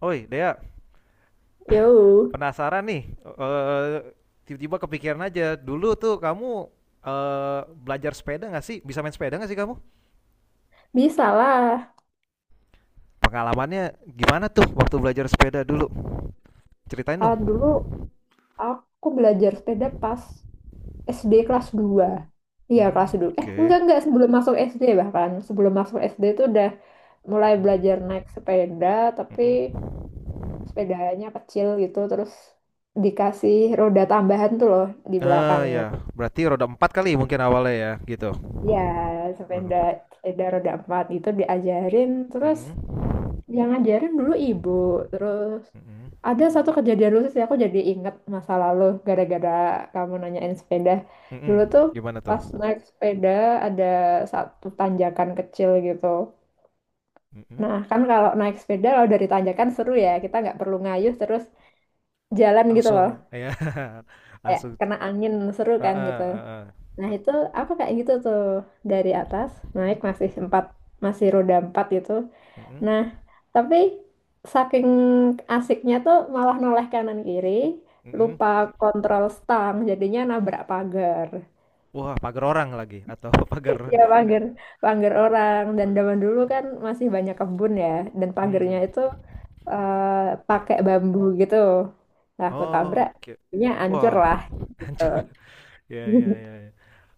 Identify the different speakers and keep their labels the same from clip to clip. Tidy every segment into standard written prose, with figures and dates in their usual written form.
Speaker 1: Oi, Dea,
Speaker 2: Yo,
Speaker 1: penasaran nih. Tiba-tiba kepikiran aja. Dulu tuh kamu eh, belajar sepeda nggak sih? Bisa main sepeda nggak sih kamu?
Speaker 2: bisa lah.
Speaker 1: Pengalamannya gimana tuh waktu belajar sepeda dulu? Ceritain
Speaker 2: Ah,
Speaker 1: dong.
Speaker 2: dulu aku belajar sepeda pas SD kelas dua. Iya, kelas
Speaker 1: Hmm,
Speaker 2: 2. Eh,
Speaker 1: oke.
Speaker 2: enggak, enggak. Sebelum masuk SD bahkan. Sebelum masuk SD itu udah mulai
Speaker 1: Mm-mm,
Speaker 2: belajar naik sepeda, tapi
Speaker 1: mm-mm.
Speaker 2: sepedanya kecil gitu. Terus dikasih roda tambahan tuh loh di belakangnya.
Speaker 1: Ya, berarti roda empat kali mungkin awalnya ya, gitu.
Speaker 2: Iya,
Speaker 1: Roda
Speaker 2: sepeda,
Speaker 1: empat.
Speaker 2: sepeda roda empat itu diajarin. Terus
Speaker 1: Mm-mm,
Speaker 2: yang ngajarin dulu ibu, terus
Speaker 1: mm-mm,
Speaker 2: ada satu kejadian lucu sih, aku jadi inget masa lalu gara-gara kamu nanyain sepeda.
Speaker 1: mm-mm.
Speaker 2: Dulu tuh
Speaker 1: Gimana tuh?
Speaker 2: pas naik sepeda ada satu tanjakan kecil gitu.
Speaker 1: Mm-mm.
Speaker 2: Nah kan, kalau naik sepeda kalau dari tanjakan seru ya, kita nggak perlu ngayuh, terus jalan gitu loh,
Speaker 1: Langsung, ya,
Speaker 2: kayak
Speaker 1: langsung.
Speaker 2: kena angin seru kan
Speaker 1: Heeh,
Speaker 2: gitu.
Speaker 1: heeh.
Speaker 2: Nah itu, aku kayak gitu tuh, dari atas naik masih roda empat gitu.
Speaker 1: Mm-mm.
Speaker 2: Nah, tapi saking asiknya tuh malah noleh kanan kiri,
Speaker 1: Mhm.
Speaker 2: lupa kontrol stang, jadinya nabrak pagar.
Speaker 1: Wah, pagar orang lagi atau pagar.
Speaker 2: Ya pagar, pagar orang. Dan
Speaker 1: Pagar.
Speaker 2: zaman dulu kan masih banyak kebun ya, dan pagarnya
Speaker 1: Mhm.
Speaker 2: itu eh, pakai bambu gitu. Nah, aku
Speaker 1: Oh,
Speaker 2: tabrak,
Speaker 1: oke.
Speaker 2: nya hancur
Speaker 1: Wah,
Speaker 2: lah gitu.
Speaker 1: hancur. Ya, ya, ya, ya.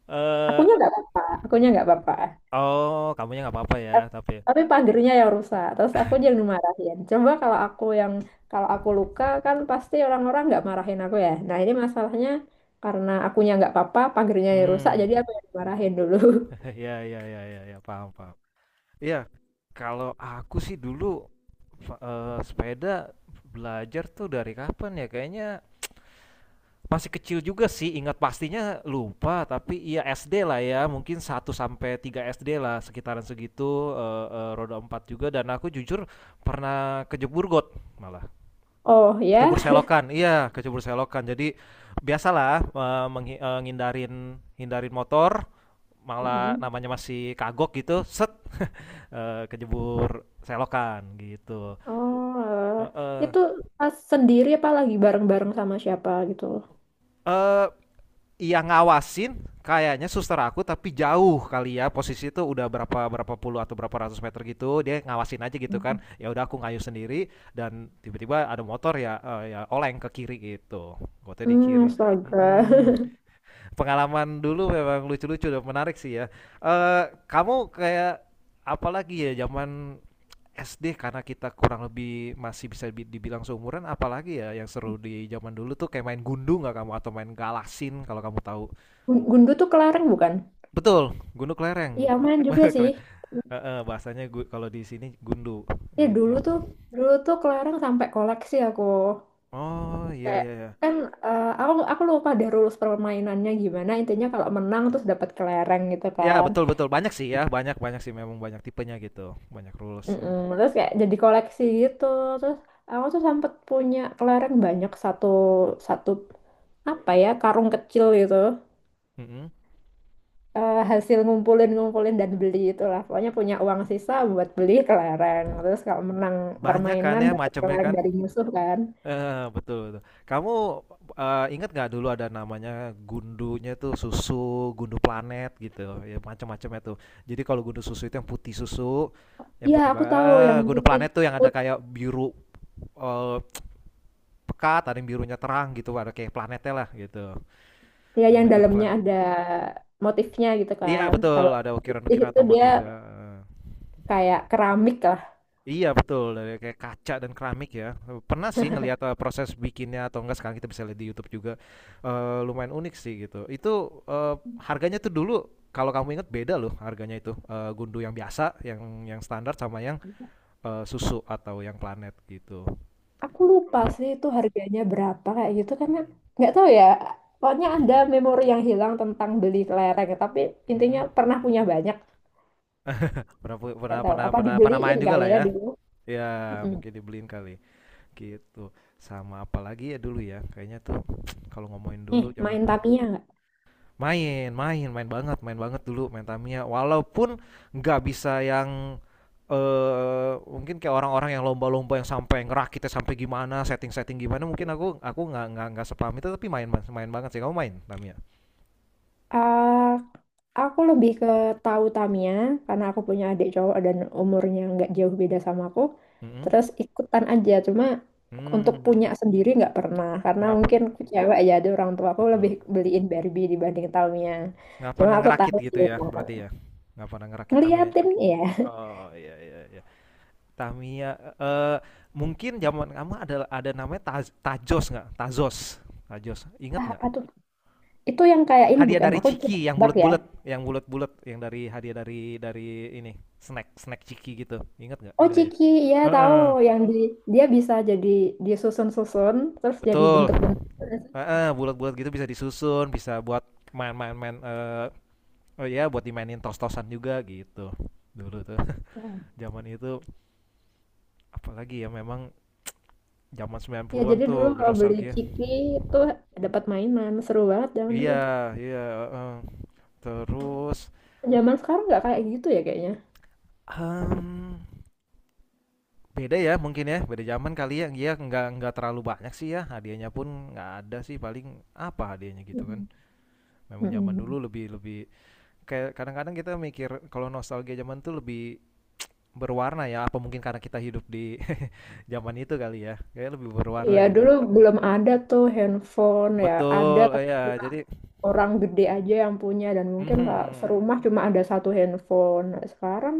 Speaker 1: Eee,
Speaker 2: Akunya nggak apa-apa, akunya nggak apa-apa.
Speaker 1: oh, kamunya nggak apa-apa ya tapi
Speaker 2: Tapi pagernya yang rusak, terus aku yang dimarahin. Coba, kalau aku luka kan pasti orang-orang nggak marahin aku ya. Nah ini masalahnya, karena akunya nggak apa-apa pagernya yang rusak,
Speaker 1: mmm,
Speaker 2: jadi aku yang dimarahin dulu.
Speaker 1: ya, ya, ya, ya, ya, paham paham. Iya, kalau aku sih dulu, sepeda belajar tuh dari kapan ya, kayaknya masih kecil juga sih, ingat pastinya lupa, tapi iya SD lah ya, mungkin satu sampai 3 SD lah, sekitaran segitu, eee eee, roda 4 juga, dan aku jujur pernah kejebur got malah,
Speaker 2: Oh ya.
Speaker 1: kejebur selokan, iya, kejebur selokan. Jadi biasalah, eee, menghi eee, ngindarin hindarin motor, malah
Speaker 2: Mm-mm.
Speaker 1: namanya masih kagok gitu, set, kejebur selokan gitu.
Speaker 2: Oh,
Speaker 1: Heeh.
Speaker 2: itu pas sendiri apa lagi bareng-bareng sama siapa gitu.
Speaker 1: Eee yang ngawasin kayaknya suster aku, tapi jauh kali ya, posisi itu udah berapa berapa puluh atau berapa ratus meter gitu, dia ngawasin aja gitu kan.
Speaker 2: Mm
Speaker 1: Ya udah, aku ngayuh sendiri dan tiba-tiba ada motor ya, ya, oleng ke kiri gitu, gotnya di
Speaker 2: hmm.
Speaker 1: kiri.
Speaker 2: Astaga.
Speaker 1: Mm-mm. Pengalaman dulu memang lucu-lucu dan menarik sih ya. eh Kamu kayak, apalagi ya zaman SD, karena kita kurang lebih masih bisa dibilang seumuran. Apalagi ya yang seru di zaman dulu tuh kayak main gundu nggak kamu, atau main galasin kalau kamu tahu?
Speaker 2: Gundu tuh kelereng bukan?
Speaker 1: Betul, gundu
Speaker 2: Iya,
Speaker 1: kelereng.
Speaker 2: main
Speaker 1: Bah-
Speaker 2: juga sih.
Speaker 1: kele- heeh, bahasanya gu kalau di sini gundu,
Speaker 2: Ya
Speaker 1: gitu.
Speaker 2: dulu tuh kelereng sampai koleksi aku,
Speaker 1: Oh, iya,
Speaker 2: kayak,
Speaker 1: iya, iya.
Speaker 2: kan, aku lupa deh rules permainannya gimana. Intinya kalau menang terus dapat kelereng gitu
Speaker 1: Iya,
Speaker 2: kan.
Speaker 1: betul betul, banyak sih ya, banyak banyak sih, memang banyak tipenya gitu, banyak rules ya.
Speaker 2: Mm-mm. Terus kayak jadi koleksi gitu. Terus aku tuh sempet punya kelereng banyak, satu satu apa ya, karung kecil gitu.
Speaker 1: Mhm.
Speaker 2: Hasil ngumpulin ngumpulin dan beli itulah, pokoknya punya uang sisa buat beli kelereng. Terus kalau menang
Speaker 1: Banyak kan
Speaker 2: permainan
Speaker 1: ya
Speaker 2: dapat
Speaker 1: macamnya
Speaker 2: kelereng
Speaker 1: kan?
Speaker 2: dari musuh kan.
Speaker 1: Heeh, betul betul. Kamu, inget nggak dulu ada namanya gundunya tuh susu, gundu planet gitu, ya macam-macamnya tuh. Jadi kalau gundu susu itu yang putih susu, yang
Speaker 2: Iya,
Speaker 1: putih ba
Speaker 2: aku tahu
Speaker 1: eh,
Speaker 2: yang
Speaker 1: gundu
Speaker 2: putih,
Speaker 1: planet tuh yang ada kayak biru, eh, pekat, ada yang birunya terang gitu, ada kayak planetnya lah gitu.
Speaker 2: dia yang
Speaker 1: Namanya Good
Speaker 2: dalamnya
Speaker 1: Planet.
Speaker 2: ada motifnya gitu
Speaker 1: Iya
Speaker 2: kan.
Speaker 1: betul,
Speaker 2: Kalau
Speaker 1: ada
Speaker 2: putih
Speaker 1: ukiran-ukiran
Speaker 2: itu dia
Speaker 1: otomotif ya. Eh.
Speaker 2: kayak keramik lah.
Speaker 1: Iya betul, dari kayak kaca dan keramik ya. Pernah sih ngelihat proses bikinnya atau enggak, sekarang kita bisa lihat di YouTube juga. Lumayan unik sih gitu. Itu harganya tuh dulu, kalau kamu ingat, beda loh harganya itu. Gundu yang biasa, yang standar, sama yang susu atau yang planet gitu.
Speaker 2: Aku lupa sih itu harganya berapa kayak gitu, karena nggak tahu ya. Pokoknya ada memori yang hilang tentang beli kelereng, tapi intinya
Speaker 1: Mm-mm.
Speaker 2: pernah punya banyak.
Speaker 1: Pernah, pernah
Speaker 2: Nggak tahu
Speaker 1: pernah
Speaker 2: apa
Speaker 1: pernah pernah main
Speaker 2: dibeliin
Speaker 1: juga
Speaker 2: kali
Speaker 1: lah
Speaker 2: ya
Speaker 1: ya.
Speaker 2: dulu.
Speaker 1: Ya,
Speaker 2: Mm-mm.
Speaker 1: mungkin dibeliin kali. Gitu, sama apalagi ya dulu ya, kayaknya tuh kalau ngomongin
Speaker 2: Nih,
Speaker 1: dulu zaman
Speaker 2: main Tamiya nggak?
Speaker 1: main, main, main banget dulu main Tamiya. Walaupun nggak bisa yang, mungkin kayak orang-orang yang lomba-lomba yang sampai ngerakitnya sampai gimana, setting-setting gimana, mungkin aku nggak sepaham itu, tapi main banget sih. Kamu main Tamiya?
Speaker 2: Ah, aku lebih ke tahu Tamiya karena aku punya adik cowok dan umurnya nggak jauh beda sama aku.
Speaker 1: Mhm,
Speaker 2: Terus ikutan aja, cuma untuk
Speaker 1: mmm,
Speaker 2: punya sendiri nggak pernah, karena
Speaker 1: nggak pernah,
Speaker 2: mungkin aku cewek ya, ada orang tua aku lebih
Speaker 1: betul,
Speaker 2: beliin Barbie dibanding Tamiya.
Speaker 1: nggak
Speaker 2: Cuma
Speaker 1: pernah
Speaker 2: aku
Speaker 1: ngerakit
Speaker 2: tahu sih,
Speaker 1: gitu ya
Speaker 2: emang.
Speaker 1: berarti ya? Nggak pernah ngerakit Tamiya?
Speaker 2: Ngeliatin ya.
Speaker 1: Oh, iya, iya, iya. Tamiya, eh mungkin zaman kamu ada namanya Tajos nggak? Tazos. Tajos. Ingat
Speaker 2: Ah,
Speaker 1: nggak?
Speaker 2: apa tuh? Itu yang kayak ini
Speaker 1: Hadiah
Speaker 2: bukan?
Speaker 1: dari
Speaker 2: Aku coba
Speaker 1: Ciki yang
Speaker 2: tebak ya.
Speaker 1: bulat-bulat, yang dari hadiah dari ini, snack snack Ciki gitu. Ingat nggak?
Speaker 2: Oh
Speaker 1: Enggak ya.
Speaker 2: Ciki, ya tahu,
Speaker 1: Heeh.
Speaker 2: yang dia bisa jadi disusun-susun terus jadi
Speaker 1: Betul.
Speaker 2: bentuk-bentuk.
Speaker 1: Heeh, bulat-bulat gitu bisa disusun, bisa buat main-main-main oh iya, buat dimainin tos-tosan juga gitu. Dulu tuh zaman itu, apalagi ya memang zaman
Speaker 2: Ya
Speaker 1: 90-an
Speaker 2: jadi
Speaker 1: tuh,
Speaker 2: dulu kalau beli
Speaker 1: bernostalgia.
Speaker 2: ciki itu dapat mainan seru banget zaman
Speaker 1: Iya,
Speaker 2: dulu.
Speaker 1: iya, heeh. Terus
Speaker 2: Zaman sekarang nggak kayak gitu ya kayaknya.
Speaker 1: em, beda ya mungkin ya, beda zaman kali ya. Dia nggak terlalu banyak sih ya. Hadiahnya pun nggak ada sih, paling apa hadiahnya gitu kan.
Speaker 2: Mm-mm.
Speaker 1: Memang zaman dulu
Speaker 2: Mm-mm.
Speaker 1: lebih lebih kayak kadang-kadang kita mikir kalau nostalgia zaman tuh lebih berwarna ya. Apa mungkin karena kita hidup di zaman itu kali ya. Kayak lebih berwarna
Speaker 2: Ya
Speaker 1: gitu.
Speaker 2: dulu belum ada tuh handphone, ya ada
Speaker 1: Betul,
Speaker 2: tapi
Speaker 1: ya.
Speaker 2: cuma
Speaker 1: Jadi
Speaker 2: orang gede aja yang punya, dan mungkin kalau
Speaker 1: mhm,
Speaker 2: serumah cuma ada satu handphone. Nah, sekarang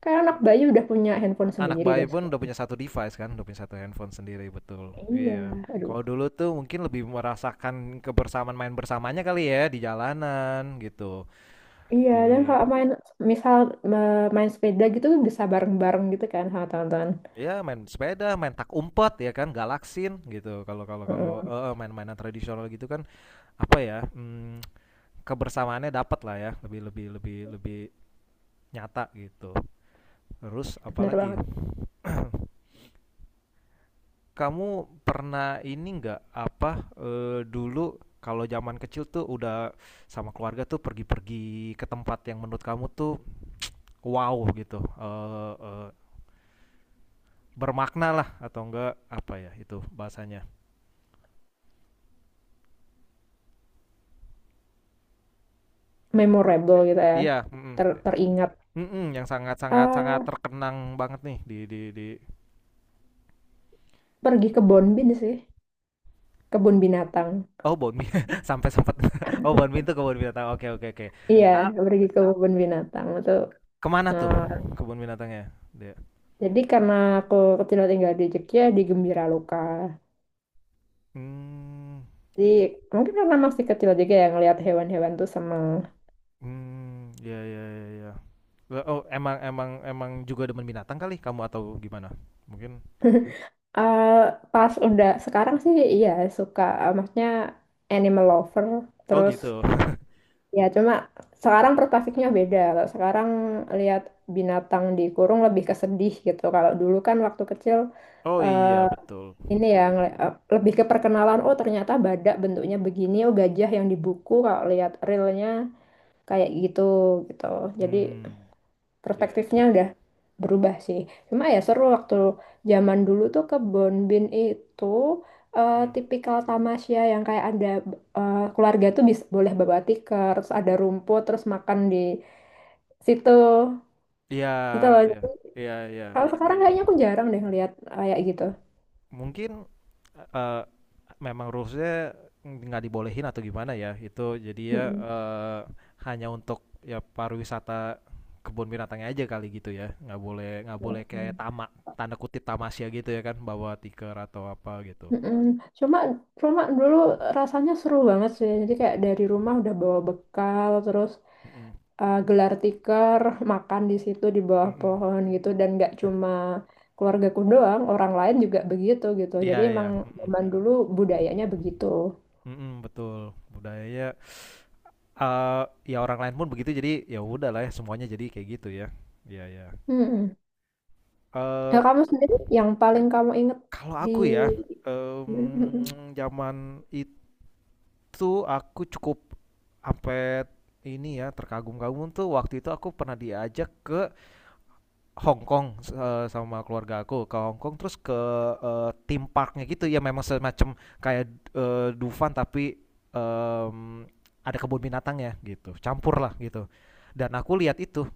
Speaker 2: kayak anak bayi udah punya handphone
Speaker 1: anak
Speaker 2: sendiri
Speaker 1: bayi
Speaker 2: deh.
Speaker 1: pun udah punya satu device kan, udah punya satu handphone sendiri, betul.
Speaker 2: Iya,
Speaker 1: Iya.
Speaker 2: aduh.
Speaker 1: Kalau dulu tuh mungkin lebih merasakan kebersamaan main bersamanya kali ya, di jalanan gitu.
Speaker 2: Iya,
Speaker 1: Di
Speaker 2: dan kalau main misal main sepeda gitu bisa bareng-bareng gitu kan sama teman-teman.
Speaker 1: Ya, main sepeda, main tak umpet ya kan, galaksin gitu. Kalau kalau kalau
Speaker 2: Mm-mm.
Speaker 1: eh, main-mainan tradisional gitu kan, apa ya? Hmm, kebersamaannya dapat lah ya, lebih lebih lebih lebih nyata gitu. Terus
Speaker 2: Bener
Speaker 1: apalagi,
Speaker 2: banget.
Speaker 1: kamu pernah ini nggak, apa dulu kalau zaman kecil tuh udah sama keluarga tuh pergi-pergi ke tempat yang menurut kamu tuh wow gitu, bermakna lah, atau enggak, apa ya itu bahasanya?
Speaker 2: Memorable gitu ya,
Speaker 1: Iya, mm-mm.
Speaker 2: teringat.
Speaker 1: Mm-mm, yang sangat-sangat sangat
Speaker 2: Ah,
Speaker 1: terkenang banget nih di di
Speaker 2: pergi ke Bonbin sih, kebun binatang.
Speaker 1: oh Bon Mie, sampai sempat oh Bon Mie itu kebun binatang, oke, oke, oke.
Speaker 2: Iya,
Speaker 1: Ah,
Speaker 2: pergi ke kebun binatang itu.
Speaker 1: kemana tuh
Speaker 2: Nah,
Speaker 1: kebun binatangnya dia?
Speaker 2: jadi karena aku kecil tinggal di Jogja di Gembira Loka,
Speaker 1: Hmm.
Speaker 2: jadi mungkin karena masih kecil juga ya, ngelihat hewan-hewan tuh seneng.
Speaker 1: Hmm, ya, ya, ya, iya. Oh, emang emang emang juga demen binatang kali kamu, atau gimana? Mungkin
Speaker 2: Eh, Pas udah sekarang sih iya suka, maksudnya animal lover,
Speaker 1: oh
Speaker 2: terus.
Speaker 1: gitu.
Speaker 2: Ya, cuma sekarang perspektifnya beda. Kalau sekarang lihat binatang dikurung lebih kesedih gitu. Kalau dulu kan waktu kecil,
Speaker 1: Oh
Speaker 2: eh,
Speaker 1: iya, betul.
Speaker 2: ini ya, lebih ke perkenalan. Oh, ternyata badak bentuknya begini. Oh, gajah yang di buku kalau lihat realnya kayak gitu gitu. Jadi
Speaker 1: Hmm, ya,
Speaker 2: perspektifnya
Speaker 1: iya.
Speaker 2: udah berubah sih. Cuma ya seru waktu zaman dulu tuh kebon bin itu,
Speaker 1: Mmm.
Speaker 2: tipikal tamasya yang kayak ada, keluarga tuh bisa boleh bawa tikar, terus ada rumput, terus makan di situ
Speaker 1: Iya,
Speaker 2: gitu loh.
Speaker 1: iya.
Speaker 2: Jadi,
Speaker 1: Iya, iya.
Speaker 2: kalau sekarang kayaknya aku jarang deh ngeliat kayak gitu.
Speaker 1: Mungkin, eh, eh, memang rules nggak dibolehin atau gimana ya, itu jadinya,
Speaker 2: Mm-mm.
Speaker 1: hanya untuk ya pariwisata kebun binatangnya aja kali gitu ya, nggak boleh kayak
Speaker 2: Oke.
Speaker 1: tamak tanda kutip tamasya gitu ya kan, bawa tikar atau apa gitu.
Speaker 2: Mm-mm. Cuma cuma dulu rasanya seru banget sih. Jadi kayak dari rumah udah bawa bekal, terus
Speaker 1: Mhm,
Speaker 2: gelar tikar makan di situ di bawah
Speaker 1: mhm.
Speaker 2: pohon gitu, dan nggak cuma keluargaku doang, orang lain juga begitu gitu,
Speaker 1: Iya
Speaker 2: jadi
Speaker 1: iya,
Speaker 2: emang
Speaker 1: mhm.
Speaker 2: zaman dulu budayanya begitu.
Speaker 1: Mhm, betul. Budayanya, eee, ya orang lain pun begitu, jadi ya udahlah ya, semuanya jadi kayak gitu ya. Iya, iya.
Speaker 2: Mm-mm. Nah,
Speaker 1: Eee,
Speaker 2: kamu sendiri yang paling kamu inget
Speaker 1: Kalau
Speaker 2: di.
Speaker 1: aku ya,
Speaker 2: Mm-mm.
Speaker 1: zaman itu aku cukup sampai ini ya, terkagum-kagum tuh waktu itu aku pernah diajak ke Hong Kong, sama keluarga aku ke Hong Kong, terus ke theme parknya gitu ya, memang semacam kayak Dufan tapi em, ada kebun binatang ya, gitu campur lah gitu, dan aku lihat itu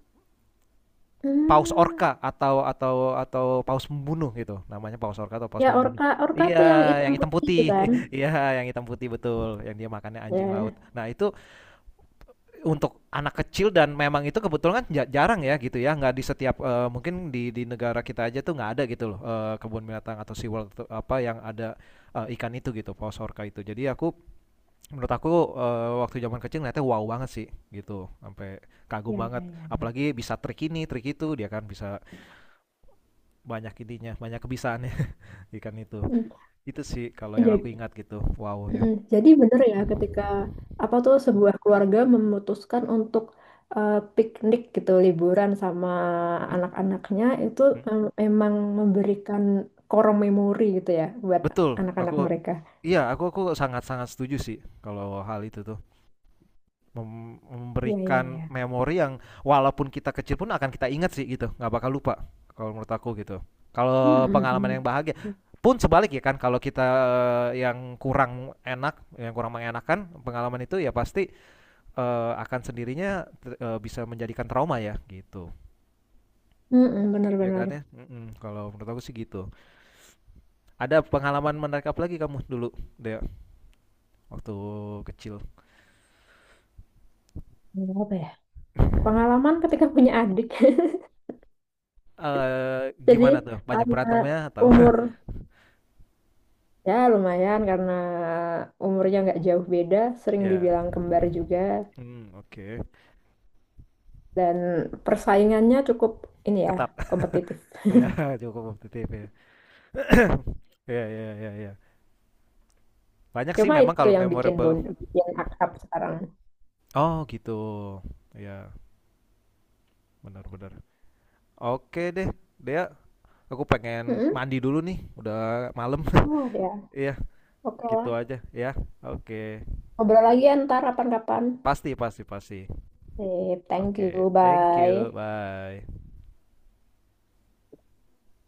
Speaker 1: paus
Speaker 2: Hmm,
Speaker 1: orca atau paus pembunuh gitu namanya, paus orca atau paus
Speaker 2: ya
Speaker 1: pembunuh,
Speaker 2: orka orka
Speaker 1: iya,
Speaker 2: tuh yang
Speaker 1: yang
Speaker 2: hitam
Speaker 1: hitam
Speaker 2: putih itu
Speaker 1: putih.
Speaker 2: kan.
Speaker 1: Iya, yang hitam putih, betul, yang dia makannya anjing laut.
Speaker 2: Ya
Speaker 1: Nah itu untuk anak kecil, dan memang itu kebetulan kan jarang ya gitu ya, nggak di setiap, mungkin di negara kita aja tuh nggak ada gitu loh, kebun binatang atau SeaWorld apa yang ada ikan itu gitu, paus orca itu. Jadi aku, menurut aku, waktu zaman kecil ngeliatnya wow banget sih gitu, sampai kagum
Speaker 2: ya
Speaker 1: banget,
Speaker 2: ya ya.
Speaker 1: apalagi bisa trik ini trik itu, dia kan bisa banyak ininya, banyak kebisaannya, ikan itu
Speaker 2: Hmm.
Speaker 1: itu sih kalau yang aku
Speaker 2: Jadi.
Speaker 1: ingat, gitu wow ya.
Speaker 2: Mm-mm. Jadi bener ya,
Speaker 1: Mm.
Speaker 2: ketika apa tuh, sebuah keluarga memutuskan untuk, piknik gitu, liburan sama
Speaker 1: Mm-mm.
Speaker 2: anak-anaknya itu
Speaker 1: Mm.
Speaker 2: emang memberikan korong memori gitu ya buat
Speaker 1: Betul, aku,
Speaker 2: anak-anak mereka.
Speaker 1: iya, aku sangat-sangat setuju sih kalau hal itu tuh. Mem
Speaker 2: Iya iya
Speaker 1: memberikan
Speaker 2: iya.
Speaker 1: memori yang, walaupun kita kecil pun akan kita ingat sih gitu, nggak bakal lupa kalau menurut aku gitu. Kalau pengalaman
Speaker 2: Mm-mm.
Speaker 1: yang bahagia pun sebalik ya kan, kalau kita yang kurang enak, yang kurang mengenakan pengalaman itu ya pasti, akan sendirinya bisa menjadikan trauma ya gitu,
Speaker 2: Mm-mm,
Speaker 1: ya kan
Speaker 2: benar-benar.
Speaker 1: ya? Mhm, kalau menurut aku sih gitu. Ada pengalaman menarik apa lagi kamu dulu, Dea, waktu kecil?
Speaker 2: Hmm, apa ya? Pengalaman ketika punya adik. Jadi,
Speaker 1: Gimana tuh? Banyak
Speaker 2: karena
Speaker 1: berantemnya atau
Speaker 2: umur ya lumayan, karena umurnya nggak jauh beda, sering
Speaker 1: ya,
Speaker 2: dibilang kembar juga.
Speaker 1: mmm, oke.
Speaker 2: Dan persaingannya cukup ini ya,
Speaker 1: Ketat.
Speaker 2: kompetitif.
Speaker 1: Ya, cukup kompetitif ya. Ya, ya, ya, iya. Banyak sih
Speaker 2: Cuma
Speaker 1: memang
Speaker 2: itu
Speaker 1: kalau
Speaker 2: yang bikin
Speaker 1: memorable.
Speaker 2: bond, bikin akrab sekarang.
Speaker 1: Oh gitu. Ya, benar-benar. Oke deh, Dea, aku pengen
Speaker 2: Mm-mm.
Speaker 1: mandi dulu nih, udah malam.
Speaker 2: Oh ya,
Speaker 1: Iya,
Speaker 2: oke
Speaker 1: gitu
Speaker 2: lah.
Speaker 1: aja ya. Oke.
Speaker 2: Ngobrol lagi ya ntar kapan-kapan.
Speaker 1: Pasti, pasti, pasti.
Speaker 2: Sip, thank
Speaker 1: Oke,
Speaker 2: you,
Speaker 1: thank you,
Speaker 2: bye.
Speaker 1: bye.